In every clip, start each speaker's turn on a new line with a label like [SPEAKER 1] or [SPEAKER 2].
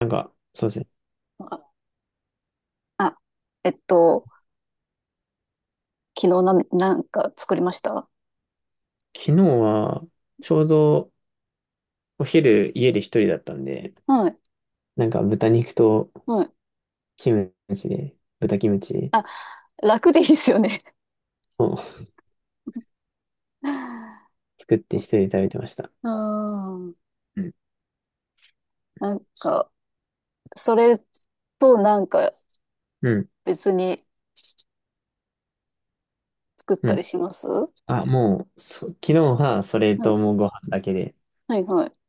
[SPEAKER 1] なんか、そうですね。
[SPEAKER 2] あ、あ、えっと、昨日なんか作りました。
[SPEAKER 1] 昨日は、ちょうどお昼家で一人だったんで、
[SPEAKER 2] はい。
[SPEAKER 1] なんか豚肉と
[SPEAKER 2] はい。
[SPEAKER 1] キムチで、豚キムチ
[SPEAKER 2] あ、楽でいいですよね。
[SPEAKER 1] を 作って一人で食べてました。
[SPEAKER 2] うん。
[SPEAKER 1] うん。
[SPEAKER 2] なんか、それとなんか
[SPEAKER 1] うん。
[SPEAKER 2] 別に作っ
[SPEAKER 1] う
[SPEAKER 2] たり
[SPEAKER 1] ん。
[SPEAKER 2] します。は
[SPEAKER 1] あ、もう、昨日はそれ
[SPEAKER 2] い。
[SPEAKER 1] ともうご飯だけで、
[SPEAKER 2] はいはい。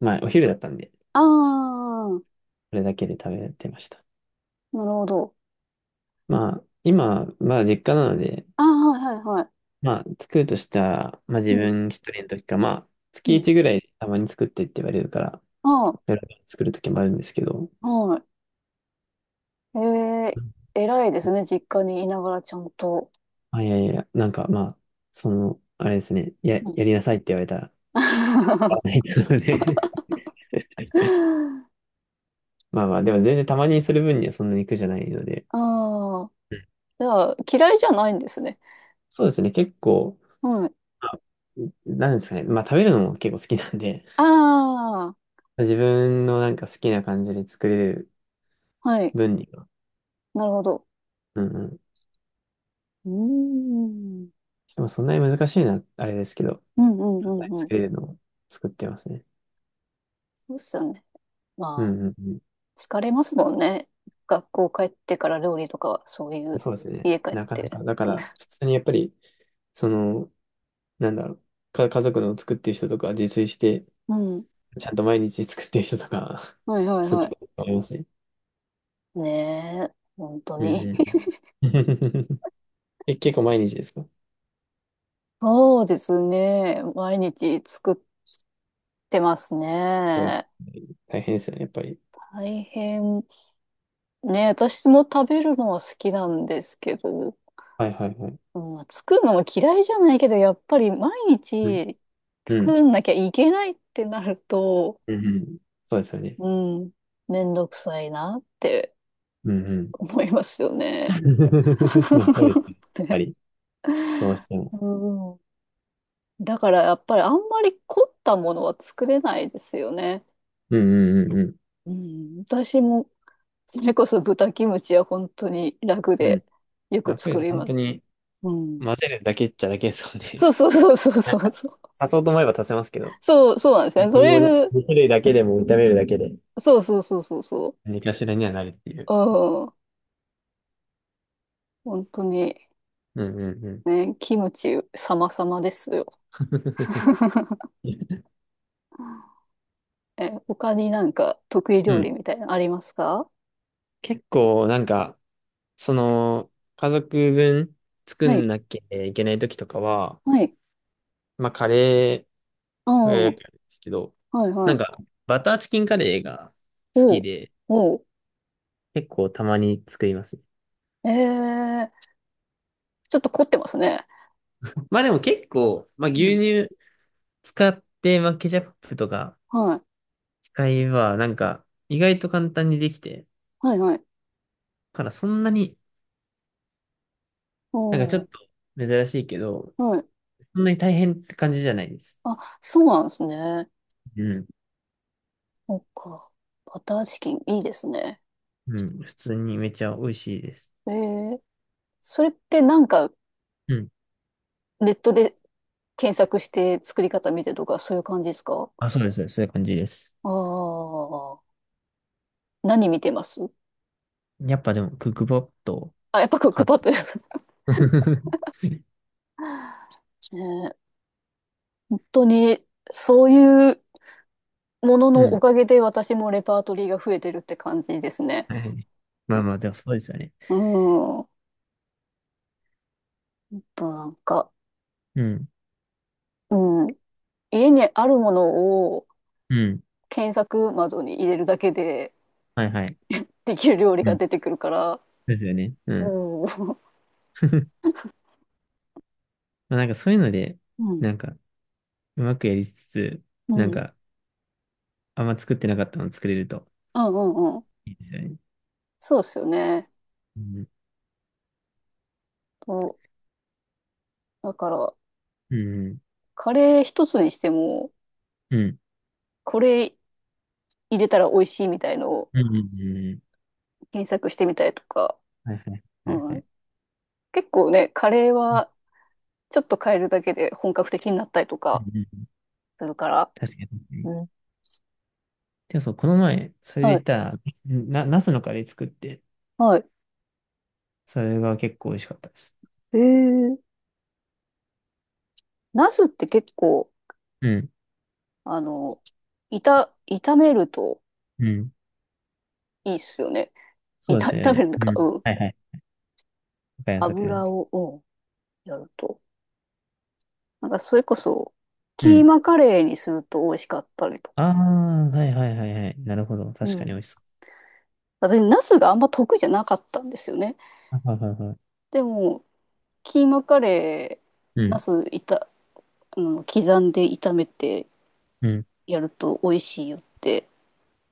[SPEAKER 1] まあお昼だったんで、
[SPEAKER 2] ああ、
[SPEAKER 1] それだけで食べてました。
[SPEAKER 2] なるほど。
[SPEAKER 1] まあ、今、まあ実家なので、
[SPEAKER 2] ああ、はいはいはい。
[SPEAKER 1] まあ作るとしたら、まあ自
[SPEAKER 2] うん、
[SPEAKER 1] 分一人の時か、まあ
[SPEAKER 2] う
[SPEAKER 1] 月
[SPEAKER 2] ん。
[SPEAKER 1] 一ぐらいたまに作ってって言われるから、
[SPEAKER 2] あ
[SPEAKER 1] 夜作る時もあるんですけど、
[SPEAKER 2] あ、はい。ええ偉いですね。実家にいながらちゃんと。
[SPEAKER 1] あ、いやいや、なんかまあ、その、あれですね、や、
[SPEAKER 2] うん。
[SPEAKER 1] やりなさいって言われたら、やら な
[SPEAKER 2] あ
[SPEAKER 1] いので まあまあ、でも全然たまにする分にはそんなに苦じゃないので、
[SPEAKER 2] あ、
[SPEAKER 1] うん。
[SPEAKER 2] じゃあ、嫌いじゃないんですね。
[SPEAKER 1] そうですね、結構、
[SPEAKER 2] はい。
[SPEAKER 1] まあなんですかね、まあ食べるのも結構好きなんで、
[SPEAKER 2] ああ、
[SPEAKER 1] 自分のなんか好きな感じで作れる
[SPEAKER 2] はい。
[SPEAKER 1] 分には、
[SPEAKER 2] なるほど。
[SPEAKER 1] うんうん。
[SPEAKER 2] うーん。うん
[SPEAKER 1] でもそんなに難しいな、あれですけど、
[SPEAKER 2] うんう
[SPEAKER 1] 簡単に
[SPEAKER 2] んうん。
[SPEAKER 1] 作れるのを作ってますね。
[SPEAKER 2] そうっすよね。
[SPEAKER 1] う
[SPEAKER 2] まあ、
[SPEAKER 1] んうんう
[SPEAKER 2] 疲れますもんね。学校帰ってから料理とかは、そうい
[SPEAKER 1] ん。
[SPEAKER 2] う、
[SPEAKER 1] そうですね。
[SPEAKER 2] 家帰っ
[SPEAKER 1] なかな
[SPEAKER 2] て。
[SPEAKER 1] か、だから、普通にやっぱり、その、なんだろう、家族の作ってる人とか、自炊して、
[SPEAKER 2] うん。
[SPEAKER 1] ちゃんと毎日作ってる人とか、
[SPEAKER 2] はいはい
[SPEAKER 1] すごい
[SPEAKER 2] は
[SPEAKER 1] と思いますね。
[SPEAKER 2] い。ねえ、本当
[SPEAKER 1] うん
[SPEAKER 2] に。
[SPEAKER 1] うん。え、結構毎日ですか？
[SPEAKER 2] そうですね。毎日作ってます
[SPEAKER 1] そうです
[SPEAKER 2] ね。
[SPEAKER 1] ね。大変ですよね、やっぱり。
[SPEAKER 2] 大変。ねえ、私も食べるのは好きなんですけど、
[SPEAKER 1] はいはいはい。
[SPEAKER 2] うん、作るのも嫌いじゃないけど、やっぱり毎
[SPEAKER 1] うん。
[SPEAKER 2] 日
[SPEAKER 1] うん。
[SPEAKER 2] 作んなきゃいけないってなると、
[SPEAKER 1] うんうん。そうですよね。
[SPEAKER 2] うん、めんどくさいなって
[SPEAKER 1] うんうん。
[SPEAKER 2] 思いますよね。
[SPEAKER 1] まあそうですね。や っぱ
[SPEAKER 2] ね。
[SPEAKER 1] り、どうしても。
[SPEAKER 2] うん、だからやっぱりあんまり凝ったものは作れないですよね。
[SPEAKER 1] うんうんうんうん。
[SPEAKER 2] うん、私もそれこそ豚キムチは本当に楽
[SPEAKER 1] う
[SPEAKER 2] で
[SPEAKER 1] ん。
[SPEAKER 2] よく
[SPEAKER 1] 楽で
[SPEAKER 2] 作
[SPEAKER 1] す。
[SPEAKER 2] り
[SPEAKER 1] 本
[SPEAKER 2] ま
[SPEAKER 1] 当
[SPEAKER 2] す。
[SPEAKER 1] に、
[SPEAKER 2] うん、
[SPEAKER 1] 混ぜるだけっちゃだけですもんね。
[SPEAKER 2] そうそうそうそうそうそう。
[SPEAKER 1] 足そうと思えば足せますけど、こ
[SPEAKER 2] そうそうなんですね。とりあ
[SPEAKER 1] の
[SPEAKER 2] えず、
[SPEAKER 1] 2種類だけでも炒めるだけで、
[SPEAKER 2] そうそうそうそうそう。
[SPEAKER 1] 何かしらにはなるっていう。
[SPEAKER 2] 本当に、
[SPEAKER 1] うんうんうん。
[SPEAKER 2] ね、キムチ様々ですよ。え、他になんか得意
[SPEAKER 1] う
[SPEAKER 2] 料理
[SPEAKER 1] ん
[SPEAKER 2] みたいなのありますか？
[SPEAKER 1] 結構なんか、その、家族分作
[SPEAKER 2] は
[SPEAKER 1] ん
[SPEAKER 2] い。
[SPEAKER 1] なきゃいけない時とかは、
[SPEAKER 2] はい。
[SPEAKER 1] まあカレ
[SPEAKER 2] ああ、
[SPEAKER 1] ーはよ
[SPEAKER 2] は
[SPEAKER 1] くやるんですけど、
[SPEAKER 2] いは
[SPEAKER 1] なん
[SPEAKER 2] い。
[SPEAKER 1] か、バターチキンカレーが好
[SPEAKER 2] お
[SPEAKER 1] き
[SPEAKER 2] う、
[SPEAKER 1] で、
[SPEAKER 2] おう。
[SPEAKER 1] 結構たまに作りますね。
[SPEAKER 2] ええちょっと凝ってますね。
[SPEAKER 1] まあでも結構、まあ
[SPEAKER 2] う
[SPEAKER 1] 牛
[SPEAKER 2] ん。
[SPEAKER 1] 乳使って、まあケチャップとか
[SPEAKER 2] はい。
[SPEAKER 1] 使えば、なんか意外と簡単にできて、
[SPEAKER 2] はいはい。
[SPEAKER 1] だからそんなに、なんかちょ
[SPEAKER 2] おう、
[SPEAKER 1] っと珍しいけど、
[SPEAKER 2] はい。
[SPEAKER 1] そんなに大変って感じじゃないです。
[SPEAKER 2] あ、そうなんですね。
[SPEAKER 1] うん
[SPEAKER 2] そっか。バターチキン、いいですね。
[SPEAKER 1] うん、普通にめちゃ美味しいです。
[SPEAKER 2] ええそれってなんか
[SPEAKER 1] うん。
[SPEAKER 2] ネットで検索して作り方見てとかそういう感じですか？
[SPEAKER 1] あ、そうです。そういう感じです。
[SPEAKER 2] ああー。何見てます？
[SPEAKER 1] やっぱでも、クックパッド
[SPEAKER 2] あ、やっぱクック
[SPEAKER 1] か。
[SPEAKER 2] パッドです。ねえ本当に、そういうもの
[SPEAKER 1] う
[SPEAKER 2] のお
[SPEAKER 1] ん。
[SPEAKER 2] かげで私もレパートリーが増えてるって感じですね。
[SPEAKER 1] はい。まあ
[SPEAKER 2] ね。
[SPEAKER 1] まあ、でもそうですよね。
[SPEAKER 2] うん。あとなんか、
[SPEAKER 1] うん。
[SPEAKER 2] うん。家にあるものを
[SPEAKER 1] うん。
[SPEAKER 2] 検索窓に入れるだけで
[SPEAKER 1] はいはい。
[SPEAKER 2] できる料理
[SPEAKER 1] う
[SPEAKER 2] が
[SPEAKER 1] ん。
[SPEAKER 2] 出てくるから、
[SPEAKER 1] ですよね。うん。
[SPEAKER 2] そう。
[SPEAKER 1] まあなんかそういうので、
[SPEAKER 2] うん。
[SPEAKER 1] なんか、うまくやりつつ、
[SPEAKER 2] う
[SPEAKER 1] なん
[SPEAKER 2] ん。
[SPEAKER 1] か、あんま作ってなかったの作れると
[SPEAKER 2] うんうんうん。
[SPEAKER 1] いいですよね。
[SPEAKER 2] そうですよね。
[SPEAKER 1] うん。
[SPEAKER 2] とだから、
[SPEAKER 1] うん。
[SPEAKER 2] カレー一つにしても、
[SPEAKER 1] うん。
[SPEAKER 2] これ入れたら美味しいみたいのを
[SPEAKER 1] うん。うん。うんうん。
[SPEAKER 2] 検索してみたりとか、
[SPEAKER 1] はいはい。はい
[SPEAKER 2] う
[SPEAKER 1] は
[SPEAKER 2] ん
[SPEAKER 1] い。
[SPEAKER 2] 結構ね、カレー
[SPEAKER 1] うん。
[SPEAKER 2] はちょっと変えるだけで本格的になったりと
[SPEAKER 1] うん
[SPEAKER 2] か
[SPEAKER 1] うん
[SPEAKER 2] するから。
[SPEAKER 1] 確かに。
[SPEAKER 2] うん。
[SPEAKER 1] でもそう、この前、それで
[SPEAKER 2] は
[SPEAKER 1] 言っ
[SPEAKER 2] い。
[SPEAKER 1] たら、ナスのカレー作って、
[SPEAKER 2] はい。
[SPEAKER 1] それが結構美味しかったです。
[SPEAKER 2] えー、ナスって結構、
[SPEAKER 1] うん。
[SPEAKER 2] あの、炒めると
[SPEAKER 1] うん。
[SPEAKER 2] いいっすよね。
[SPEAKER 1] そうです よ
[SPEAKER 2] 炒め
[SPEAKER 1] ね。
[SPEAKER 2] るの
[SPEAKER 1] う
[SPEAKER 2] か、
[SPEAKER 1] ん。
[SPEAKER 2] うん。
[SPEAKER 1] はいはい。わかります、わかりま
[SPEAKER 2] 油
[SPEAKER 1] す。
[SPEAKER 2] を、うん、やると。なんかそれこそ、
[SPEAKER 1] う
[SPEAKER 2] キー
[SPEAKER 1] ん。
[SPEAKER 2] マカレーにすると美味しかったりと
[SPEAKER 1] あ
[SPEAKER 2] か。
[SPEAKER 1] あ、はいはいはいはい。なるほど。
[SPEAKER 2] う
[SPEAKER 1] 確かに
[SPEAKER 2] ん。
[SPEAKER 1] 美味しそ
[SPEAKER 2] 私、ナスがあんま得意じゃなかったんですよね。
[SPEAKER 1] う。はいはいはいはい。
[SPEAKER 2] でも、キーマカレ
[SPEAKER 1] う
[SPEAKER 2] ー、ナ
[SPEAKER 1] ん。
[SPEAKER 2] スいた、あの、刻んで炒めて、
[SPEAKER 1] うん。
[SPEAKER 2] やると美味しいよって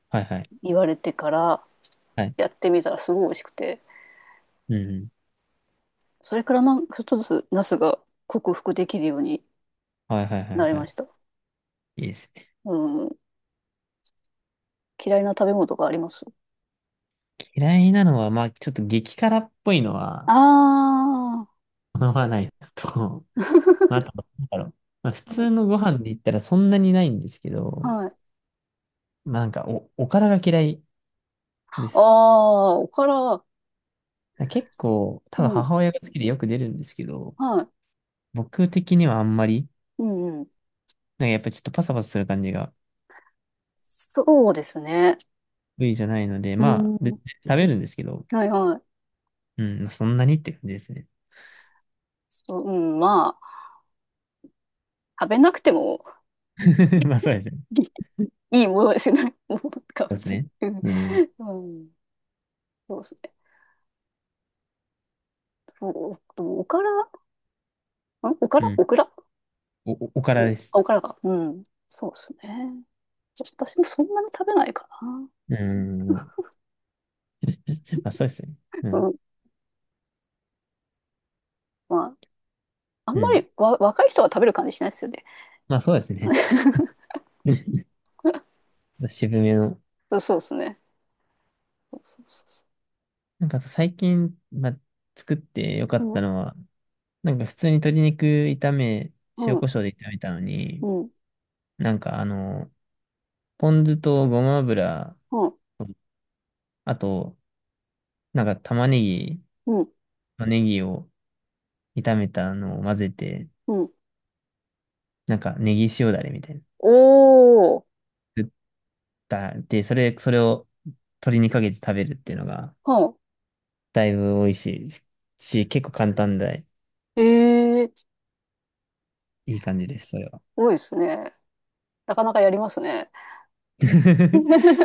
[SPEAKER 1] はいはい。
[SPEAKER 2] 言われてから
[SPEAKER 1] はい。
[SPEAKER 2] やってみたらすごい美味しくて、
[SPEAKER 1] うん。うん。
[SPEAKER 2] それからなんかちょっとずつナスが克服できるように
[SPEAKER 1] はいはいは
[SPEAKER 2] な
[SPEAKER 1] い
[SPEAKER 2] り
[SPEAKER 1] は
[SPEAKER 2] ま
[SPEAKER 1] い。
[SPEAKER 2] した。
[SPEAKER 1] いいですね。
[SPEAKER 2] うん。嫌いな食べ物とかあります？
[SPEAKER 1] 嫌いなのは、まあ、ちょっと激辛っぽいのは、
[SPEAKER 2] ああ
[SPEAKER 1] 好ままないのと、まあ、あと、なんだろう。まあ、普
[SPEAKER 2] ー、う
[SPEAKER 1] 通
[SPEAKER 2] ん
[SPEAKER 1] のご飯で言ったらそんなにないんですけど、
[SPEAKER 2] はい。
[SPEAKER 1] まあ、なんかおからが嫌いで
[SPEAKER 2] あ
[SPEAKER 1] す。
[SPEAKER 2] あ、おから、
[SPEAKER 1] 結構、多
[SPEAKER 2] う
[SPEAKER 1] 分
[SPEAKER 2] ん、
[SPEAKER 1] 母親が好きでよく出るんですけど、
[SPEAKER 2] はい。
[SPEAKER 1] 僕的にはあんまり、
[SPEAKER 2] うんうん。
[SPEAKER 1] なんかやっぱちょっとパサパサする感じが
[SPEAKER 2] そうですね。
[SPEAKER 1] 得意じゃないので、
[SPEAKER 2] う
[SPEAKER 1] まあ、で
[SPEAKER 2] ん。
[SPEAKER 1] 食べるんですけど、
[SPEAKER 2] はいはい。
[SPEAKER 1] うん、まあそんなにって感じですね。
[SPEAKER 2] そう、うん、まあ、食べなくても
[SPEAKER 1] まあそうですね。そう
[SPEAKER 2] いいものですね。もう、か、
[SPEAKER 1] です
[SPEAKER 2] 別に
[SPEAKER 1] ね。
[SPEAKER 2] うん。
[SPEAKER 1] うん、
[SPEAKER 2] そうですね。そう、でもおからんオク
[SPEAKER 1] う
[SPEAKER 2] ラ
[SPEAKER 1] ん。
[SPEAKER 2] オクラ
[SPEAKER 1] おおから
[SPEAKER 2] お、あ
[SPEAKER 1] です。
[SPEAKER 2] オクラが。うん。そうですね。私もそんなに食べないかな。
[SPEAKER 1] うん。まあそうですね。
[SPEAKER 2] う
[SPEAKER 1] うん、
[SPEAKER 2] ん。まあ、あん
[SPEAKER 1] う
[SPEAKER 2] ま
[SPEAKER 1] ん。
[SPEAKER 2] りわ、若い人が食べる感じしないですよね。
[SPEAKER 1] まあそうですね。渋めの。
[SPEAKER 2] そうそうですね。そうそうそう
[SPEAKER 1] なんか最近、まあ、作ってよかっ
[SPEAKER 2] そ
[SPEAKER 1] た
[SPEAKER 2] う。
[SPEAKER 1] のは、なんか普通に鶏肉炒め、
[SPEAKER 2] うん、
[SPEAKER 1] 塩
[SPEAKER 2] う
[SPEAKER 1] コ
[SPEAKER 2] ん、
[SPEAKER 1] ショウで炒めたの
[SPEAKER 2] う
[SPEAKER 1] に、
[SPEAKER 2] ん、
[SPEAKER 1] なんかあの、ポン酢とごま油、あと、なんか玉ねぎ
[SPEAKER 2] うん、
[SPEAKER 1] とネギを炒めたのを混ぜて、
[SPEAKER 2] うん。
[SPEAKER 1] なんかネギ塩だれみたいな。
[SPEAKER 2] おー、
[SPEAKER 1] 作ったで、それを鶏にかけて食べるっていうのが、
[SPEAKER 2] はん。
[SPEAKER 1] だいぶ美味しいし、結構簡単で、
[SPEAKER 2] ええ
[SPEAKER 1] いい感じです、それは。
[SPEAKER 2] 多いですね。なかなかやりますね。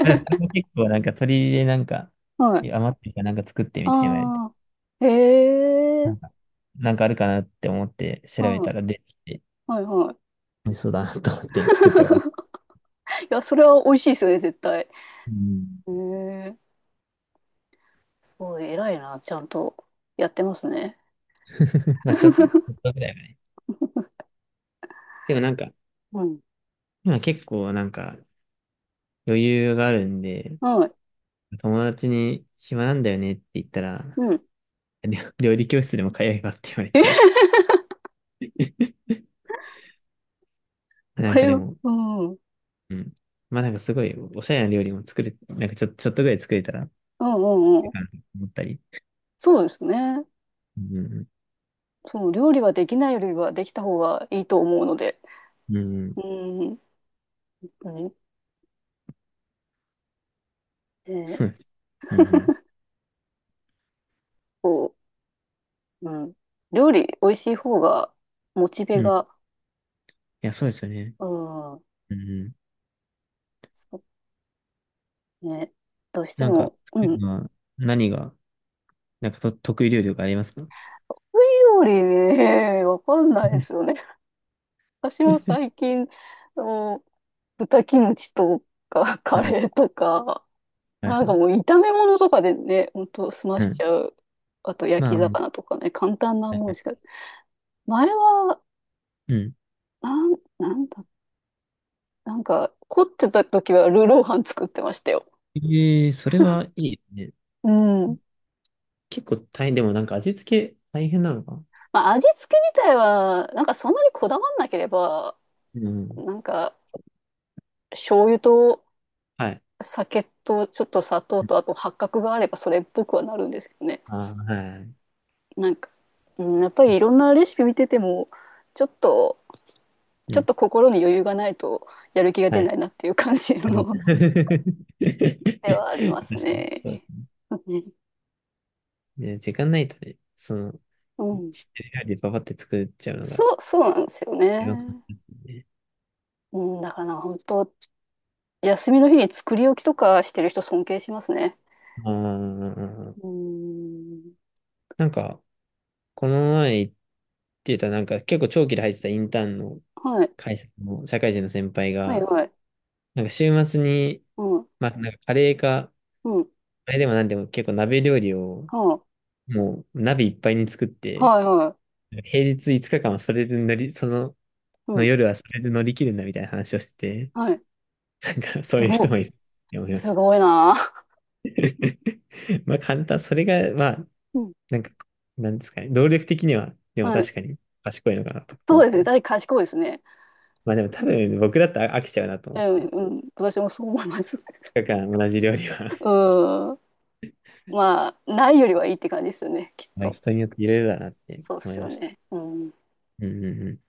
[SPEAKER 1] ただそれも結構なんか鶏でなんか、
[SPEAKER 2] はい。
[SPEAKER 1] いや余ってるからなんか作ってみたいに言われて、
[SPEAKER 2] ああ、へ
[SPEAKER 1] な
[SPEAKER 2] え、
[SPEAKER 1] んか、なんかあるかなって思って調べ
[SPEAKER 2] はい、
[SPEAKER 1] たら出てきて、
[SPEAKER 2] はい、は
[SPEAKER 1] 美味しそうだなと思って作ったら。
[SPEAKER 2] い。いや、それは美味しいですよね、絶対。へ
[SPEAKER 1] うん。
[SPEAKER 2] えおい、偉いな。ちゃんとやってますね。
[SPEAKER 1] まあちょっとぐらいはね。でもなんか、
[SPEAKER 2] うん。
[SPEAKER 1] 今結構なんか余裕があるんで、
[SPEAKER 2] はい。
[SPEAKER 1] 友達に暇なんだよねって言った
[SPEAKER 2] う
[SPEAKER 1] ら、
[SPEAKER 2] ん。
[SPEAKER 1] 料理教室でも通えばって言われて な
[SPEAKER 2] こ
[SPEAKER 1] んか
[SPEAKER 2] れ
[SPEAKER 1] で
[SPEAKER 2] は、
[SPEAKER 1] も、
[SPEAKER 2] うん。うん
[SPEAKER 1] うん。まあなんかすごいおしゃれな料理も作れ、なんかちょっとぐらい作れたら、
[SPEAKER 2] うんうん。
[SPEAKER 1] 思ったり。
[SPEAKER 2] そうですね。
[SPEAKER 1] うん
[SPEAKER 2] そう、料理はできないよりはできた方がいいと思うので。
[SPEAKER 1] うん、うんうん、
[SPEAKER 2] うん。うんえー
[SPEAKER 1] そうです。うん、
[SPEAKER 2] こう、うん。料理美味しい方が、モチ
[SPEAKER 1] う
[SPEAKER 2] ベ
[SPEAKER 1] ん、うん。い
[SPEAKER 2] が、
[SPEAKER 1] や、そうですよね。
[SPEAKER 2] うん。
[SPEAKER 1] うんうん。
[SPEAKER 2] そうね。どうして
[SPEAKER 1] なんか、
[SPEAKER 2] も、う
[SPEAKER 1] 作る
[SPEAKER 2] ん。
[SPEAKER 1] のは何が、なんかと得意料理とかありますか？
[SPEAKER 2] 料理ね、わかんないですよね。私も最近、あの、豚キムチとか、カ
[SPEAKER 1] はい、
[SPEAKER 2] レーとか、
[SPEAKER 1] はい、
[SPEAKER 2] な
[SPEAKER 1] は
[SPEAKER 2] んかも
[SPEAKER 1] い。
[SPEAKER 2] う炒め物とかでね、ほんと済ま
[SPEAKER 1] う
[SPEAKER 2] しち
[SPEAKER 1] ん。
[SPEAKER 2] ゃう。あと焼
[SPEAKER 1] ま
[SPEAKER 2] き
[SPEAKER 1] あ、
[SPEAKER 2] 魚とかね、簡単な
[SPEAKER 1] はい
[SPEAKER 2] もんし
[SPEAKER 1] は
[SPEAKER 2] か。前は、
[SPEAKER 1] い。うん。
[SPEAKER 2] なんだ、なんか凝ってた時はルーロー飯作ってましたよ。
[SPEAKER 1] ええ、それはいいね。
[SPEAKER 2] うん。
[SPEAKER 1] 結構大変、でもなんか味付け大変なのか？
[SPEAKER 2] まあ味付け自体は、なんかそんなにこだわんなければ、
[SPEAKER 1] うん。
[SPEAKER 2] なんか醤油と
[SPEAKER 1] はい。
[SPEAKER 2] 酒とちょっと砂糖とあと八角があればそれっぽくはなるんですけどね。
[SPEAKER 1] あー、はい。
[SPEAKER 2] なんか、うん、やっぱりいろんなレシピ見てても、ちょっと
[SPEAKER 1] う
[SPEAKER 2] ちょっ
[SPEAKER 1] ん。
[SPEAKER 2] と心に余裕がないとやる気が出
[SPEAKER 1] はい。う
[SPEAKER 2] な
[SPEAKER 1] ん。
[SPEAKER 2] いなっていう感じの
[SPEAKER 1] 確か
[SPEAKER 2] で
[SPEAKER 1] に。
[SPEAKER 2] はあります
[SPEAKER 1] そう
[SPEAKER 2] ね。
[SPEAKER 1] ね、時間ないとね、その、
[SPEAKER 2] うん。
[SPEAKER 1] 知ってる料理でパパって作っちゃうのが
[SPEAKER 2] そう、そうなんですよ
[SPEAKER 1] 一番簡単
[SPEAKER 2] ね。
[SPEAKER 1] ですよね。
[SPEAKER 2] うん、だから本当、休みの日に作り置きとかしてる人尊敬しますね。
[SPEAKER 1] あ
[SPEAKER 2] う
[SPEAKER 1] あ、
[SPEAKER 2] ん。
[SPEAKER 1] なんか、この前言ってた、なんか結構長期で入ってたインターンの
[SPEAKER 2] はい。
[SPEAKER 1] 会社の社会人の先輩
[SPEAKER 2] はい
[SPEAKER 1] が、
[SPEAKER 2] はい。
[SPEAKER 1] なんか週末に、
[SPEAKER 2] うん。
[SPEAKER 1] まあ、なんかカレーか
[SPEAKER 2] うん。
[SPEAKER 1] あれでもなんでも結構鍋料理を
[SPEAKER 2] は
[SPEAKER 1] もう鍋いっぱいに作っ
[SPEAKER 2] あ、
[SPEAKER 1] て、
[SPEAKER 2] はいは
[SPEAKER 1] 平日5日間はそれで乗り、その、
[SPEAKER 2] い。う
[SPEAKER 1] の
[SPEAKER 2] ん。
[SPEAKER 1] 夜はそれで乗り切るんだみたいな話をしてて、
[SPEAKER 2] はい。
[SPEAKER 1] なんかそ
[SPEAKER 2] す
[SPEAKER 1] ういう
[SPEAKER 2] ご
[SPEAKER 1] 人
[SPEAKER 2] い。
[SPEAKER 1] もいるって思いま
[SPEAKER 2] す
[SPEAKER 1] した。
[SPEAKER 2] ごいな。
[SPEAKER 1] まあ簡単、それがまあ、
[SPEAKER 2] うん。
[SPEAKER 1] なんか、なんですかね、労力的には、でも
[SPEAKER 2] はい。
[SPEAKER 1] 確かに賢いのかなとか
[SPEAKER 2] そ
[SPEAKER 1] 思っ
[SPEAKER 2] うです
[SPEAKER 1] た
[SPEAKER 2] ね。
[SPEAKER 1] り。
[SPEAKER 2] 大体賢いですね。
[SPEAKER 1] まあでも多分僕だったら飽きちゃうなと思
[SPEAKER 2] う
[SPEAKER 1] っ
[SPEAKER 2] ん、
[SPEAKER 1] て、
[SPEAKER 2] うん。私もそう思います。
[SPEAKER 1] だから同じ料理は
[SPEAKER 2] うん。まあ、ないよりはいいって感じですよね、きっ
[SPEAKER 1] まあ
[SPEAKER 2] と。
[SPEAKER 1] 人によっていろいろだなって
[SPEAKER 2] そうっ
[SPEAKER 1] 思
[SPEAKER 2] す
[SPEAKER 1] い
[SPEAKER 2] よ
[SPEAKER 1] ました。
[SPEAKER 2] ね。うん。
[SPEAKER 1] うんうんうん。